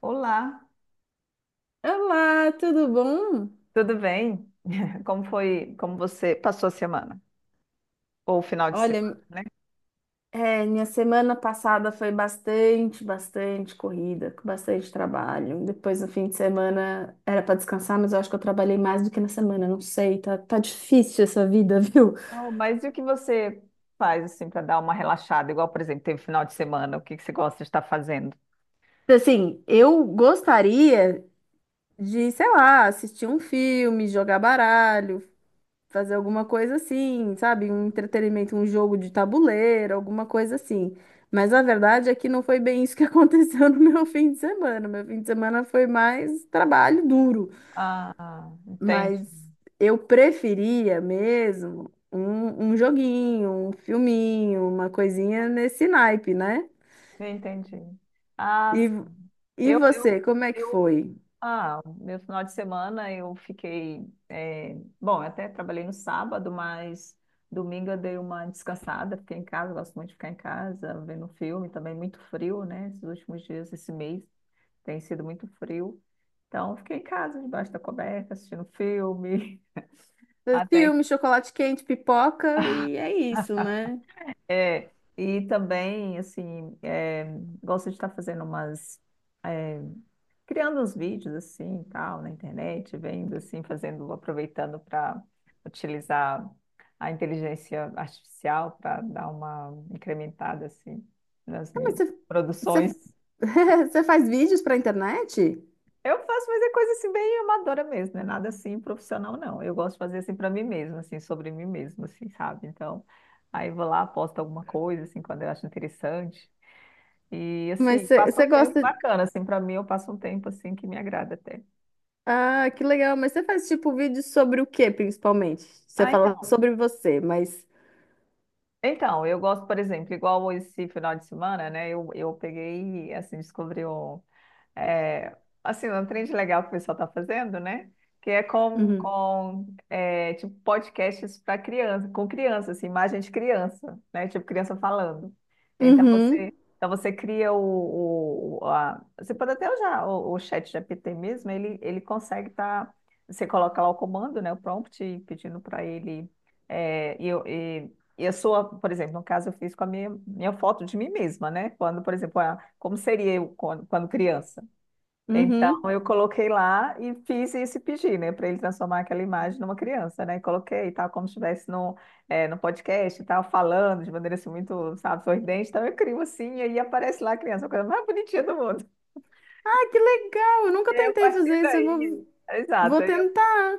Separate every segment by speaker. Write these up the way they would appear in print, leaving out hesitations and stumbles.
Speaker 1: Olá,
Speaker 2: Olá, tudo bom?
Speaker 1: tudo bem? Como foi, como você passou a semana? Ou o final de
Speaker 2: Olha,
Speaker 1: semana, né?
Speaker 2: minha semana passada foi bastante corrida, com bastante trabalho. Depois, no fim de semana, era para descansar, mas eu acho que eu trabalhei mais do que na semana, não sei, tá difícil essa vida, viu?
Speaker 1: Oh, mas e o que você faz assim para dar uma relaxada? Igual, por exemplo, teve final de semana, o que que você gosta de estar fazendo?
Speaker 2: Assim, eu gostaria de, sei lá, assistir um filme, jogar baralho, fazer alguma coisa assim, sabe? Um entretenimento, um jogo de tabuleiro, alguma coisa assim. Mas a verdade é que não foi bem isso que aconteceu no meu fim de semana. Meu fim de semana foi mais trabalho duro.
Speaker 1: Ah, entendi,
Speaker 2: Mas eu preferia mesmo um joguinho, um filminho, uma coisinha nesse naipe, né?
Speaker 1: entendi. Ah,
Speaker 2: E,
Speaker 1: sim.
Speaker 2: e
Speaker 1: eu, eu,
Speaker 2: você, como é que
Speaker 1: eu,
Speaker 2: foi?
Speaker 1: Ah, meu final de semana eu fiquei. Bom, eu até trabalhei no sábado, mas domingo eu dei uma descansada, fiquei em casa, gosto muito de ficar em casa, vendo um filme, também muito frio, né? Esses últimos dias, esse mês, tem sido muito frio. Então, fiquei em casa, debaixo da coberta, assistindo filme, até
Speaker 2: Filme, chocolate quente, pipoca e é isso, né?
Speaker 1: é, e também, assim, gosto de estar fazendo umas, é, criando uns vídeos, assim, e tal, na internet, vendo, assim, fazendo, aproveitando para utilizar a inteligência artificial para dar uma incrementada, assim, nas
Speaker 2: Mas
Speaker 1: minhas
Speaker 2: você,
Speaker 1: produções.
Speaker 2: você faz vídeos pra internet?
Speaker 1: Eu faço, mas é coisa, assim, bem amadora mesmo, não é nada, assim, profissional, não. Eu gosto de fazer, assim, para mim mesma, assim, sobre mim mesma, assim, sabe? Então, aí eu vou lá, posto alguma coisa, assim, quando eu acho interessante. E
Speaker 2: Mas
Speaker 1: assim,
Speaker 2: você,
Speaker 1: passa
Speaker 2: você
Speaker 1: um tempo
Speaker 2: gosta.
Speaker 1: bacana, assim, para mim eu passo um tempo assim que me agrada até.
Speaker 2: Ah, que legal. Mas você faz tipo vídeos sobre o quê, principalmente? Você
Speaker 1: Ah,
Speaker 2: fala
Speaker 1: então.
Speaker 2: sobre você, mas.
Speaker 1: Então, eu gosto, por exemplo, igual esse final de semana, né? Eu peguei, assim, descobri um. é, assim, um trend legal que o pessoal está fazendo, né? Que é com,
Speaker 2: Uhum.
Speaker 1: tipo, podcasts para criança, com criança, assim, imagem de criança, né? Tipo, criança falando.
Speaker 2: Uhum.
Speaker 1: Então você cria o... você pode até usar o chat GPT mesmo, ele consegue estar... você coloca lá o comando, né? O prompt, pedindo para ele... é, e, eu- e, e a sua, por exemplo, no caso, eu fiz com a minha foto de mim mesma, né? Quando, por exemplo, a como seria eu quando, quando criança. Então
Speaker 2: Uhum.
Speaker 1: eu coloquei lá e fiz esse pedir, né, para ele transformar aquela imagem numa criança, né? E coloquei e tal, como se estivesse no, no podcast e tal, falando de maneira assim muito, sabe, sorridente. Então eu crio assim e aí aparece lá a criança, a coisa mais bonitinha do mundo.
Speaker 2: Ah, que legal! Eu
Speaker 1: E
Speaker 2: nunca
Speaker 1: aí, a
Speaker 2: tentei
Speaker 1: partir
Speaker 2: fazer isso.
Speaker 1: daí, exato.
Speaker 2: Vou tentar.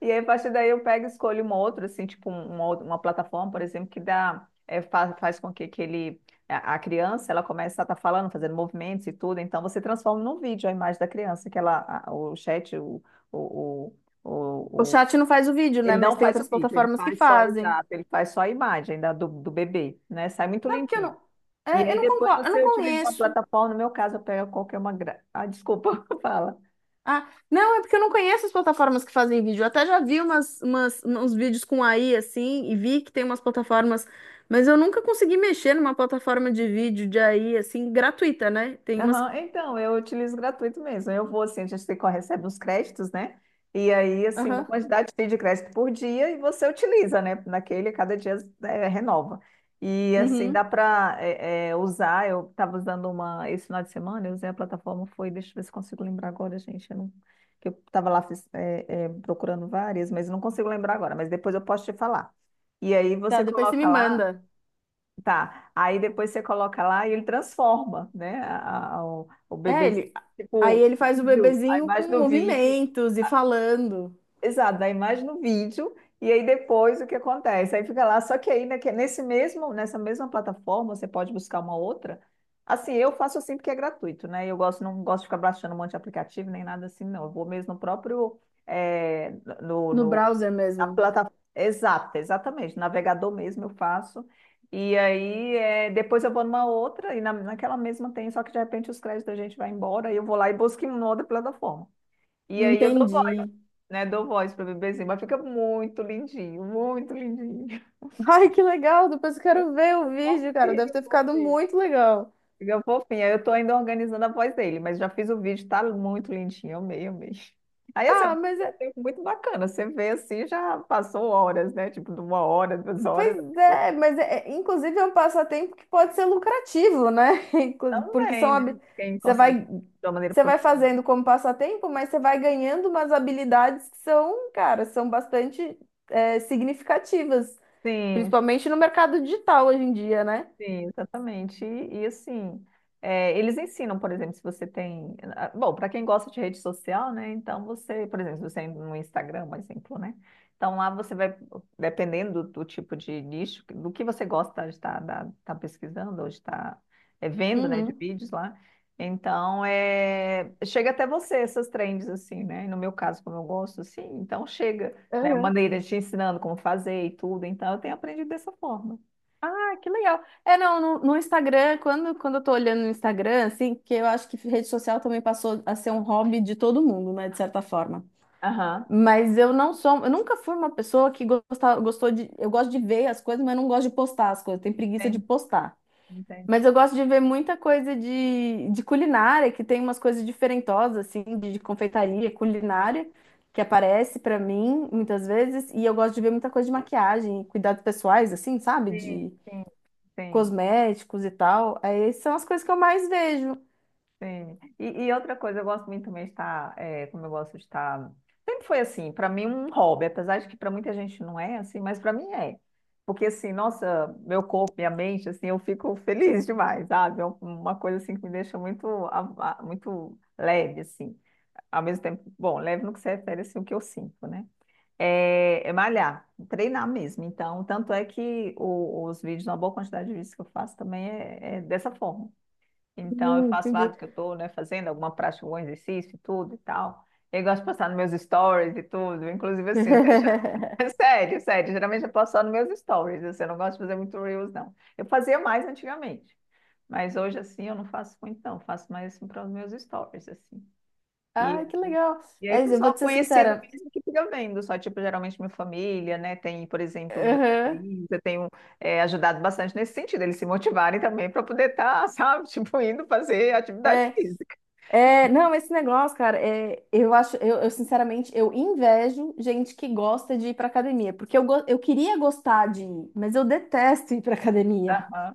Speaker 1: E aí, a partir daí, eu pego e escolho uma outra, assim, tipo um, uma, uma plataforma, por exemplo, que dá, é, faz, faz com que ele, a criança, ela comece a estar falando, fazendo movimentos e tudo. Então, você transforma num vídeo a imagem da criança, que ela, o chat, o, o,
Speaker 2: O
Speaker 1: o- o-
Speaker 2: chat não faz o vídeo, né?
Speaker 1: ele não
Speaker 2: Mas tem
Speaker 1: faz o
Speaker 2: outras
Speaker 1: vídeo, ele
Speaker 2: plataformas que
Speaker 1: faz só,
Speaker 2: fazem.
Speaker 1: exato, ele faz só a imagem da, do, do bebê, né? Sai muito
Speaker 2: Sabe que eu
Speaker 1: lindinho.
Speaker 2: não.
Speaker 1: E
Speaker 2: É eu
Speaker 1: aí,
Speaker 2: não
Speaker 1: depois,
Speaker 2: concordo, eu não
Speaker 1: você utiliza uma
Speaker 2: conheço.
Speaker 1: plataforma, no meu caso, eu pego qualquer uma... Gra... Ah, desculpa, fala.
Speaker 2: Ah, não, é porque eu não conheço as plataformas que fazem vídeo. Eu até já vi uns vídeos com AI assim, e vi que tem umas plataformas, mas eu nunca consegui mexer numa plataforma de vídeo de AI assim, gratuita, né? Tem umas.
Speaker 1: Aham. Então, eu utilizo gratuito mesmo. Eu vou assim, a gente tem que recebe uns créditos, né? E aí, assim, uma
Speaker 2: Aham.
Speaker 1: quantidade de crédito por dia e você utiliza, né? Naquele, cada dia renova. E assim, dá
Speaker 2: Uhum.
Speaker 1: para usar. Eu estava usando uma esse final de semana, eu usei a plataforma, foi, deixa eu ver se consigo lembrar agora, gente. Eu não, que eu estava lá procurando várias, mas não consigo lembrar agora, mas depois eu posso te falar. E aí
Speaker 2: Tá,
Speaker 1: você
Speaker 2: depois você me
Speaker 1: coloca lá.
Speaker 2: manda.
Speaker 1: Tá. Aí depois você coloca lá e ele transforma, né? O
Speaker 2: É,
Speaker 1: bebê
Speaker 2: ele. Aí
Speaker 1: tipo,
Speaker 2: ele faz o
Speaker 1: vídeo, a
Speaker 2: bebezinho
Speaker 1: imagem
Speaker 2: com
Speaker 1: do vídeo.
Speaker 2: movimentos e falando
Speaker 1: Exato, da imagem no vídeo. E aí depois o que acontece? Aí fica lá. Só que aí né, que nessa mesma plataforma, você pode buscar uma outra. Assim, eu faço assim porque é gratuito, né? Eu gosto, não gosto de ficar baixando um monte de aplicativo nem nada assim, não. Eu vou mesmo no próprio, eh, no,
Speaker 2: no
Speaker 1: no
Speaker 2: browser
Speaker 1: na
Speaker 2: mesmo.
Speaker 1: plataforma. Exato, exatamente. Navegador mesmo eu faço. E aí, é, depois eu vou numa outra e naquela mesma tem, só que de repente os créditos da gente vai embora e eu vou lá e busco em uma outra plataforma. E aí eu dou voz,
Speaker 2: Entendi.
Speaker 1: né? Dou voz para o bebezinho, mas fica muito lindinho, muito lindinho.
Speaker 2: Ai, que legal! Depois eu
Speaker 1: Eu,
Speaker 2: quero ver o
Speaker 1: eu
Speaker 2: vídeo, cara. Deve
Speaker 1: confio,
Speaker 2: ter ficado
Speaker 1: confio.
Speaker 2: muito legal.
Speaker 1: Fica fofinha. Eu tô ainda organizando a voz dele, mas já fiz o vídeo, tá muito lindinho. Amei, amei. Aí, assim, é
Speaker 2: Ah,
Speaker 1: um
Speaker 2: mas
Speaker 1: passatempo muito bacana. Você vê assim, já passou horas, né? Tipo, de uma hora, duas horas.
Speaker 2: Pois é, mas inclusive é um passatempo que pode ser lucrativo, né? Porque
Speaker 1: Também,
Speaker 2: são
Speaker 1: né? Quem
Speaker 2: você
Speaker 1: consegue
Speaker 2: vai
Speaker 1: de uma maneira
Speaker 2: você vai
Speaker 1: profissional.
Speaker 2: fazendo como passatempo, mas você vai ganhando umas habilidades que são, cara, são bastante significativas,
Speaker 1: Sim.
Speaker 2: principalmente no mercado digital hoje em dia, né?
Speaker 1: Sim, exatamente. E, assim, é, eles ensinam, por exemplo, se você tem. Ah, bom, para quem gosta de rede social, né? Então você, por exemplo, se você é no Instagram, por exemplo, né? Então lá você vai, dependendo do tipo de nicho, do que você gosta de estar tá pesquisando ou de estar vendo, né, de
Speaker 2: Uhum.
Speaker 1: vídeos lá. Então, é, chega até você essas trends, assim, né? E no meu caso, como eu gosto, assim, então chega, né?
Speaker 2: Uhum.
Speaker 1: Maneira te ensinando como fazer e tudo. Então, eu tenho aprendido dessa forma.
Speaker 2: Ah, que legal. É, não, no Instagram, quando eu tô olhando no Instagram, assim, que eu acho que rede social também passou a ser um hobby de todo mundo, né, de certa forma.
Speaker 1: Aham.
Speaker 2: Mas eu não sou, eu nunca fui uma pessoa que gosta, gostou de, eu gosto de ver as coisas, mas não gosto de postar as coisas, tenho preguiça de
Speaker 1: Entendi.
Speaker 2: postar. Mas
Speaker 1: Entendi.
Speaker 2: eu gosto de ver muita coisa de culinária, que tem umas coisas diferentosas, assim, de confeitaria, culinária, que aparece pra mim muitas vezes, e eu gosto de ver muita coisa de maquiagem, cuidados pessoais, assim, sabe?
Speaker 1: Sim,
Speaker 2: De
Speaker 1: sim, sim,
Speaker 2: cosméticos e tal. Aí são as coisas que eu mais vejo.
Speaker 1: sim. E outra coisa, eu gosto muito também de estar, é, como eu gosto de estar. Sempre foi assim, para mim, um hobby, apesar de que para muita gente não é assim, mas para mim é. Porque assim, nossa, meu corpo, minha mente, assim, eu fico feliz demais, sabe? É uma coisa assim que me deixa muito, muito leve, assim. Ao mesmo tempo, bom, leve no que se refere, assim, o que eu sinto, né? É, é malhar, treinar mesmo. Então, tanto é que os vídeos, uma boa quantidade de vídeos que eu faço também é dessa forma. Então, eu faço lá
Speaker 2: Entendi.
Speaker 1: do que eu estou, né, fazendo alguma prática, algum exercício e tudo e tal. Eu gosto de postar nos meus stories e tudo. Inclusive, assim, até já. É sério, sério. Geralmente eu posto só nos meus stories. Assim, eu não gosto de fazer muito reels, não. Eu fazia mais antigamente. Mas hoje, assim, eu não faço muito, não. Eu faço mais assim, para os meus stories, assim. E
Speaker 2: Ai, que legal.
Speaker 1: e aí,
Speaker 2: É isso, eu vou
Speaker 1: pessoal
Speaker 2: te ser
Speaker 1: conhecido
Speaker 2: sincera.
Speaker 1: mesmo que fica vendo, só tipo, geralmente minha família, né? Tem, por exemplo, meu
Speaker 2: Aham.
Speaker 1: sobrinho, eu tenho ajudado bastante nesse sentido, eles se motivarem também para poder estar, sabe, tipo, indo fazer atividade
Speaker 2: É,
Speaker 1: física.
Speaker 2: Não, esse negócio, cara, eu acho, sinceramente, eu invejo gente que gosta de ir pra academia, porque eu queria gostar de ir, mas eu detesto ir pra academia.
Speaker 1: Aham.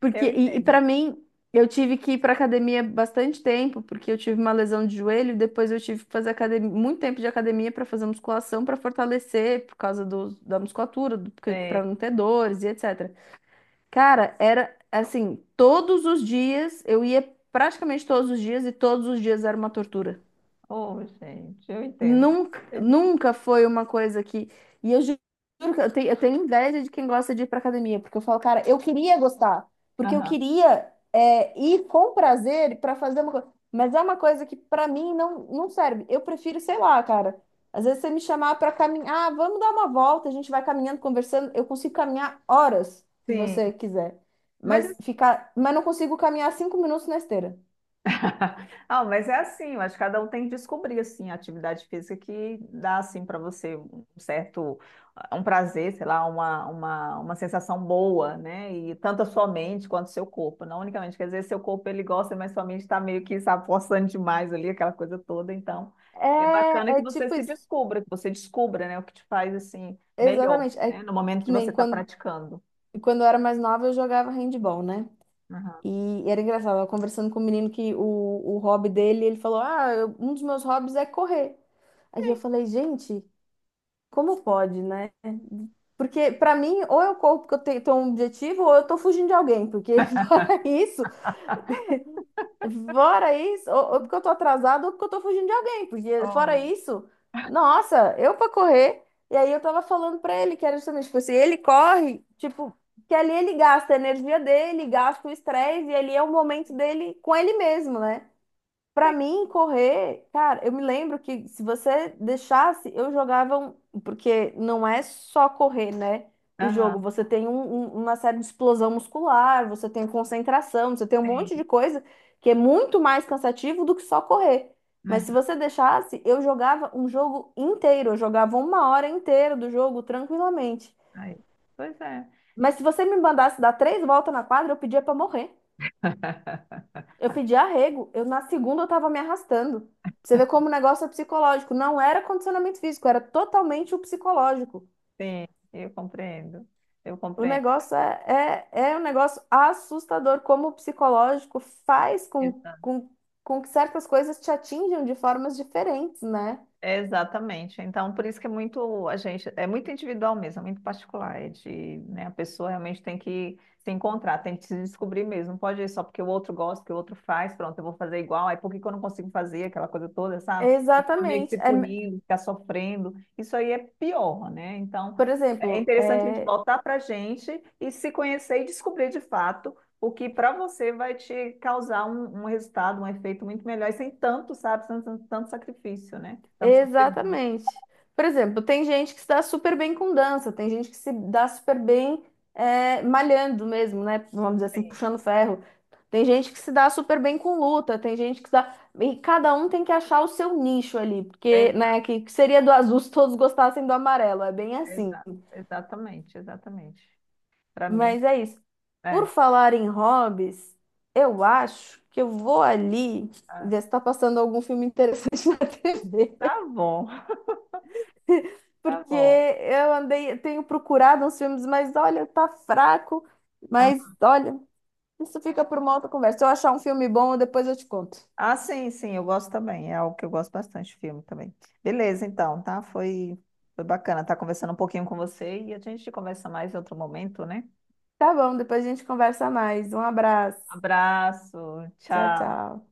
Speaker 2: Porque,
Speaker 1: Eu
Speaker 2: e
Speaker 1: entendo.
Speaker 2: para mim, eu tive que ir pra academia bastante tempo, porque eu tive uma lesão de joelho, e depois eu tive que fazer academia, muito tempo de academia para fazer musculação, para fortalecer, por causa do, da musculatura, do,
Speaker 1: É.
Speaker 2: para não ter dores e etc. Cara, era assim, todos os dias, eu ia praticamente todos os dias e todos os dias era uma tortura.
Speaker 1: Oh, gente, eu entendo, mas
Speaker 2: Nunca,
Speaker 1: eu entendo.
Speaker 2: nunca foi uma coisa que. E juro que eu tenho inveja de quem gosta de ir pra academia, porque eu falo, cara, eu queria gostar, porque eu
Speaker 1: Aham.
Speaker 2: queria ir com prazer pra fazer uma coisa. Mas é uma coisa que pra mim não serve. Eu prefiro, sei lá, cara. Às vezes você me chamar pra caminhar, ah, vamos dar uma volta, a gente vai caminhando, conversando. Eu consigo caminhar horas, se
Speaker 1: Sim.
Speaker 2: você quiser.
Speaker 1: Mas
Speaker 2: Mas não consigo caminhar 5 minutos na esteira.
Speaker 1: ah, mas é assim, eu acho que cada um tem que descobrir assim a atividade física que dá assim para você um certo um prazer, sei lá, uma sensação boa, né? E tanto a sua mente quanto o seu corpo, não unicamente, quer dizer, seu corpo ele gosta, mas sua mente está meio que sabe, forçando demais ali aquela coisa toda, então é bacana
Speaker 2: É,
Speaker 1: que
Speaker 2: é
Speaker 1: você
Speaker 2: tipo
Speaker 1: se
Speaker 2: isso.
Speaker 1: descubra, que você descubra, né, o que te faz assim melhor,
Speaker 2: Exatamente. É
Speaker 1: né, no momento de
Speaker 2: que
Speaker 1: você
Speaker 2: nem
Speaker 1: estar
Speaker 2: quando
Speaker 1: praticando.
Speaker 2: E quando eu era mais nova, eu jogava handball, né?
Speaker 1: Aham.
Speaker 2: E era engraçado, eu tava conversando com um menino que o hobby dele, ele falou: "Ah, um dos meus hobbies é correr." Aí eu
Speaker 1: Sim.
Speaker 2: falei, gente, como pode, né? Porque pra mim, ou eu corro porque tenho um objetivo, ou eu tô fugindo de alguém, porque fora isso, fora isso, ou porque eu tô atrasada, ou porque eu tô fugindo de alguém. Porque, fora
Speaker 1: Oh,
Speaker 2: isso, nossa, eu pra correr. E aí eu tava falando pra ele que era justamente, tipo assim, ele corre, tipo, que ali ele gasta a energia dele, gasta o estresse, e ali é o momento dele com ele mesmo, né? Pra
Speaker 1: sim.
Speaker 2: mim, correr, cara, eu me lembro que se você deixasse, eu jogava um, porque não é só correr, né? O jogo,
Speaker 1: Aham,
Speaker 2: você tem uma série de explosão muscular, você tem concentração, você tem um
Speaker 1: sim.
Speaker 2: monte de coisa que é muito mais cansativo do que só correr. Mas se
Speaker 1: É.
Speaker 2: você deixasse, eu jogava um jogo inteiro, eu jogava uma hora inteira do jogo tranquilamente.
Speaker 1: Aí. Pois é.
Speaker 2: Mas se você me mandasse dar 3 voltas na quadra, eu pedia pra morrer. Eu pedi arrego, eu na segunda eu tava me arrastando. Pra Você vê como o negócio é psicológico. Não era condicionamento físico, era totalmente o psicológico.
Speaker 1: Sim, eu compreendo. Eu
Speaker 2: O
Speaker 1: compreendo.
Speaker 2: negócio é um negócio assustador, como o psicológico faz
Speaker 1: Exa-
Speaker 2: com que certas coisas te atinjam de formas diferentes, né?
Speaker 1: Exatamente. Então, por isso que é muito, a gente, é muito individual mesmo, é muito particular. É de, né, a pessoa realmente tem que se encontrar, tem que se descobrir mesmo. Não pode ir só porque o outro gosta, que o outro faz, pronto, eu vou fazer igual, aí por que que eu não consigo fazer aquela coisa toda, sabe? E ficar meio que
Speaker 2: Exatamente.
Speaker 1: se punindo, ficar sofrendo. Isso aí é pior, né? Então,
Speaker 2: Por
Speaker 1: é
Speaker 2: exemplo,
Speaker 1: interessante a gente
Speaker 2: é,
Speaker 1: voltar para a gente e se conhecer e descobrir de fato o que para você vai te causar um, um resultado, um efeito muito melhor, e sem tanto, sabe, sem tanto, tanto sacrifício, né? Tanto sofrimento.
Speaker 2: Exatamente. Por exemplo, tem gente que se dá super bem com dança, tem gente que se dá super bem malhando mesmo, né? Vamos dizer assim,
Speaker 1: Sim.
Speaker 2: puxando ferro. Tem gente que se dá super bem com luta, tem gente que se dá. E cada um tem que achar o seu nicho ali, porque,
Speaker 1: Exa-
Speaker 2: né, que seria do azul se todos gostassem do amarelo, é bem assim.
Speaker 1: exatamente, exatamente. Para mim,
Speaker 2: Mas é isso. Por
Speaker 1: é.
Speaker 2: falar em hobbies, eu acho que eu vou ali
Speaker 1: Ah,
Speaker 2: ver se tá passando algum filme interessante na TV.
Speaker 1: tá bom, tá
Speaker 2: Porque
Speaker 1: bom.
Speaker 2: eu andei, eu tenho procurado uns filmes, mas olha, tá fraco.
Speaker 1: Ah,
Speaker 2: Mas olha, isso fica por uma outra conversa. Se eu achar um filme bom, depois eu te conto.
Speaker 1: ah, sim, sim, eu gosto também. É algo que eu gosto bastante de filme também. Beleza, então, tá? Foi, foi bacana estar conversando um pouquinho com você e a gente conversa mais em outro momento, né?
Speaker 2: Tá bom, depois a gente conversa mais. Um abraço.
Speaker 1: Abraço,
Speaker 2: Tchau,
Speaker 1: tchau.
Speaker 2: tchau.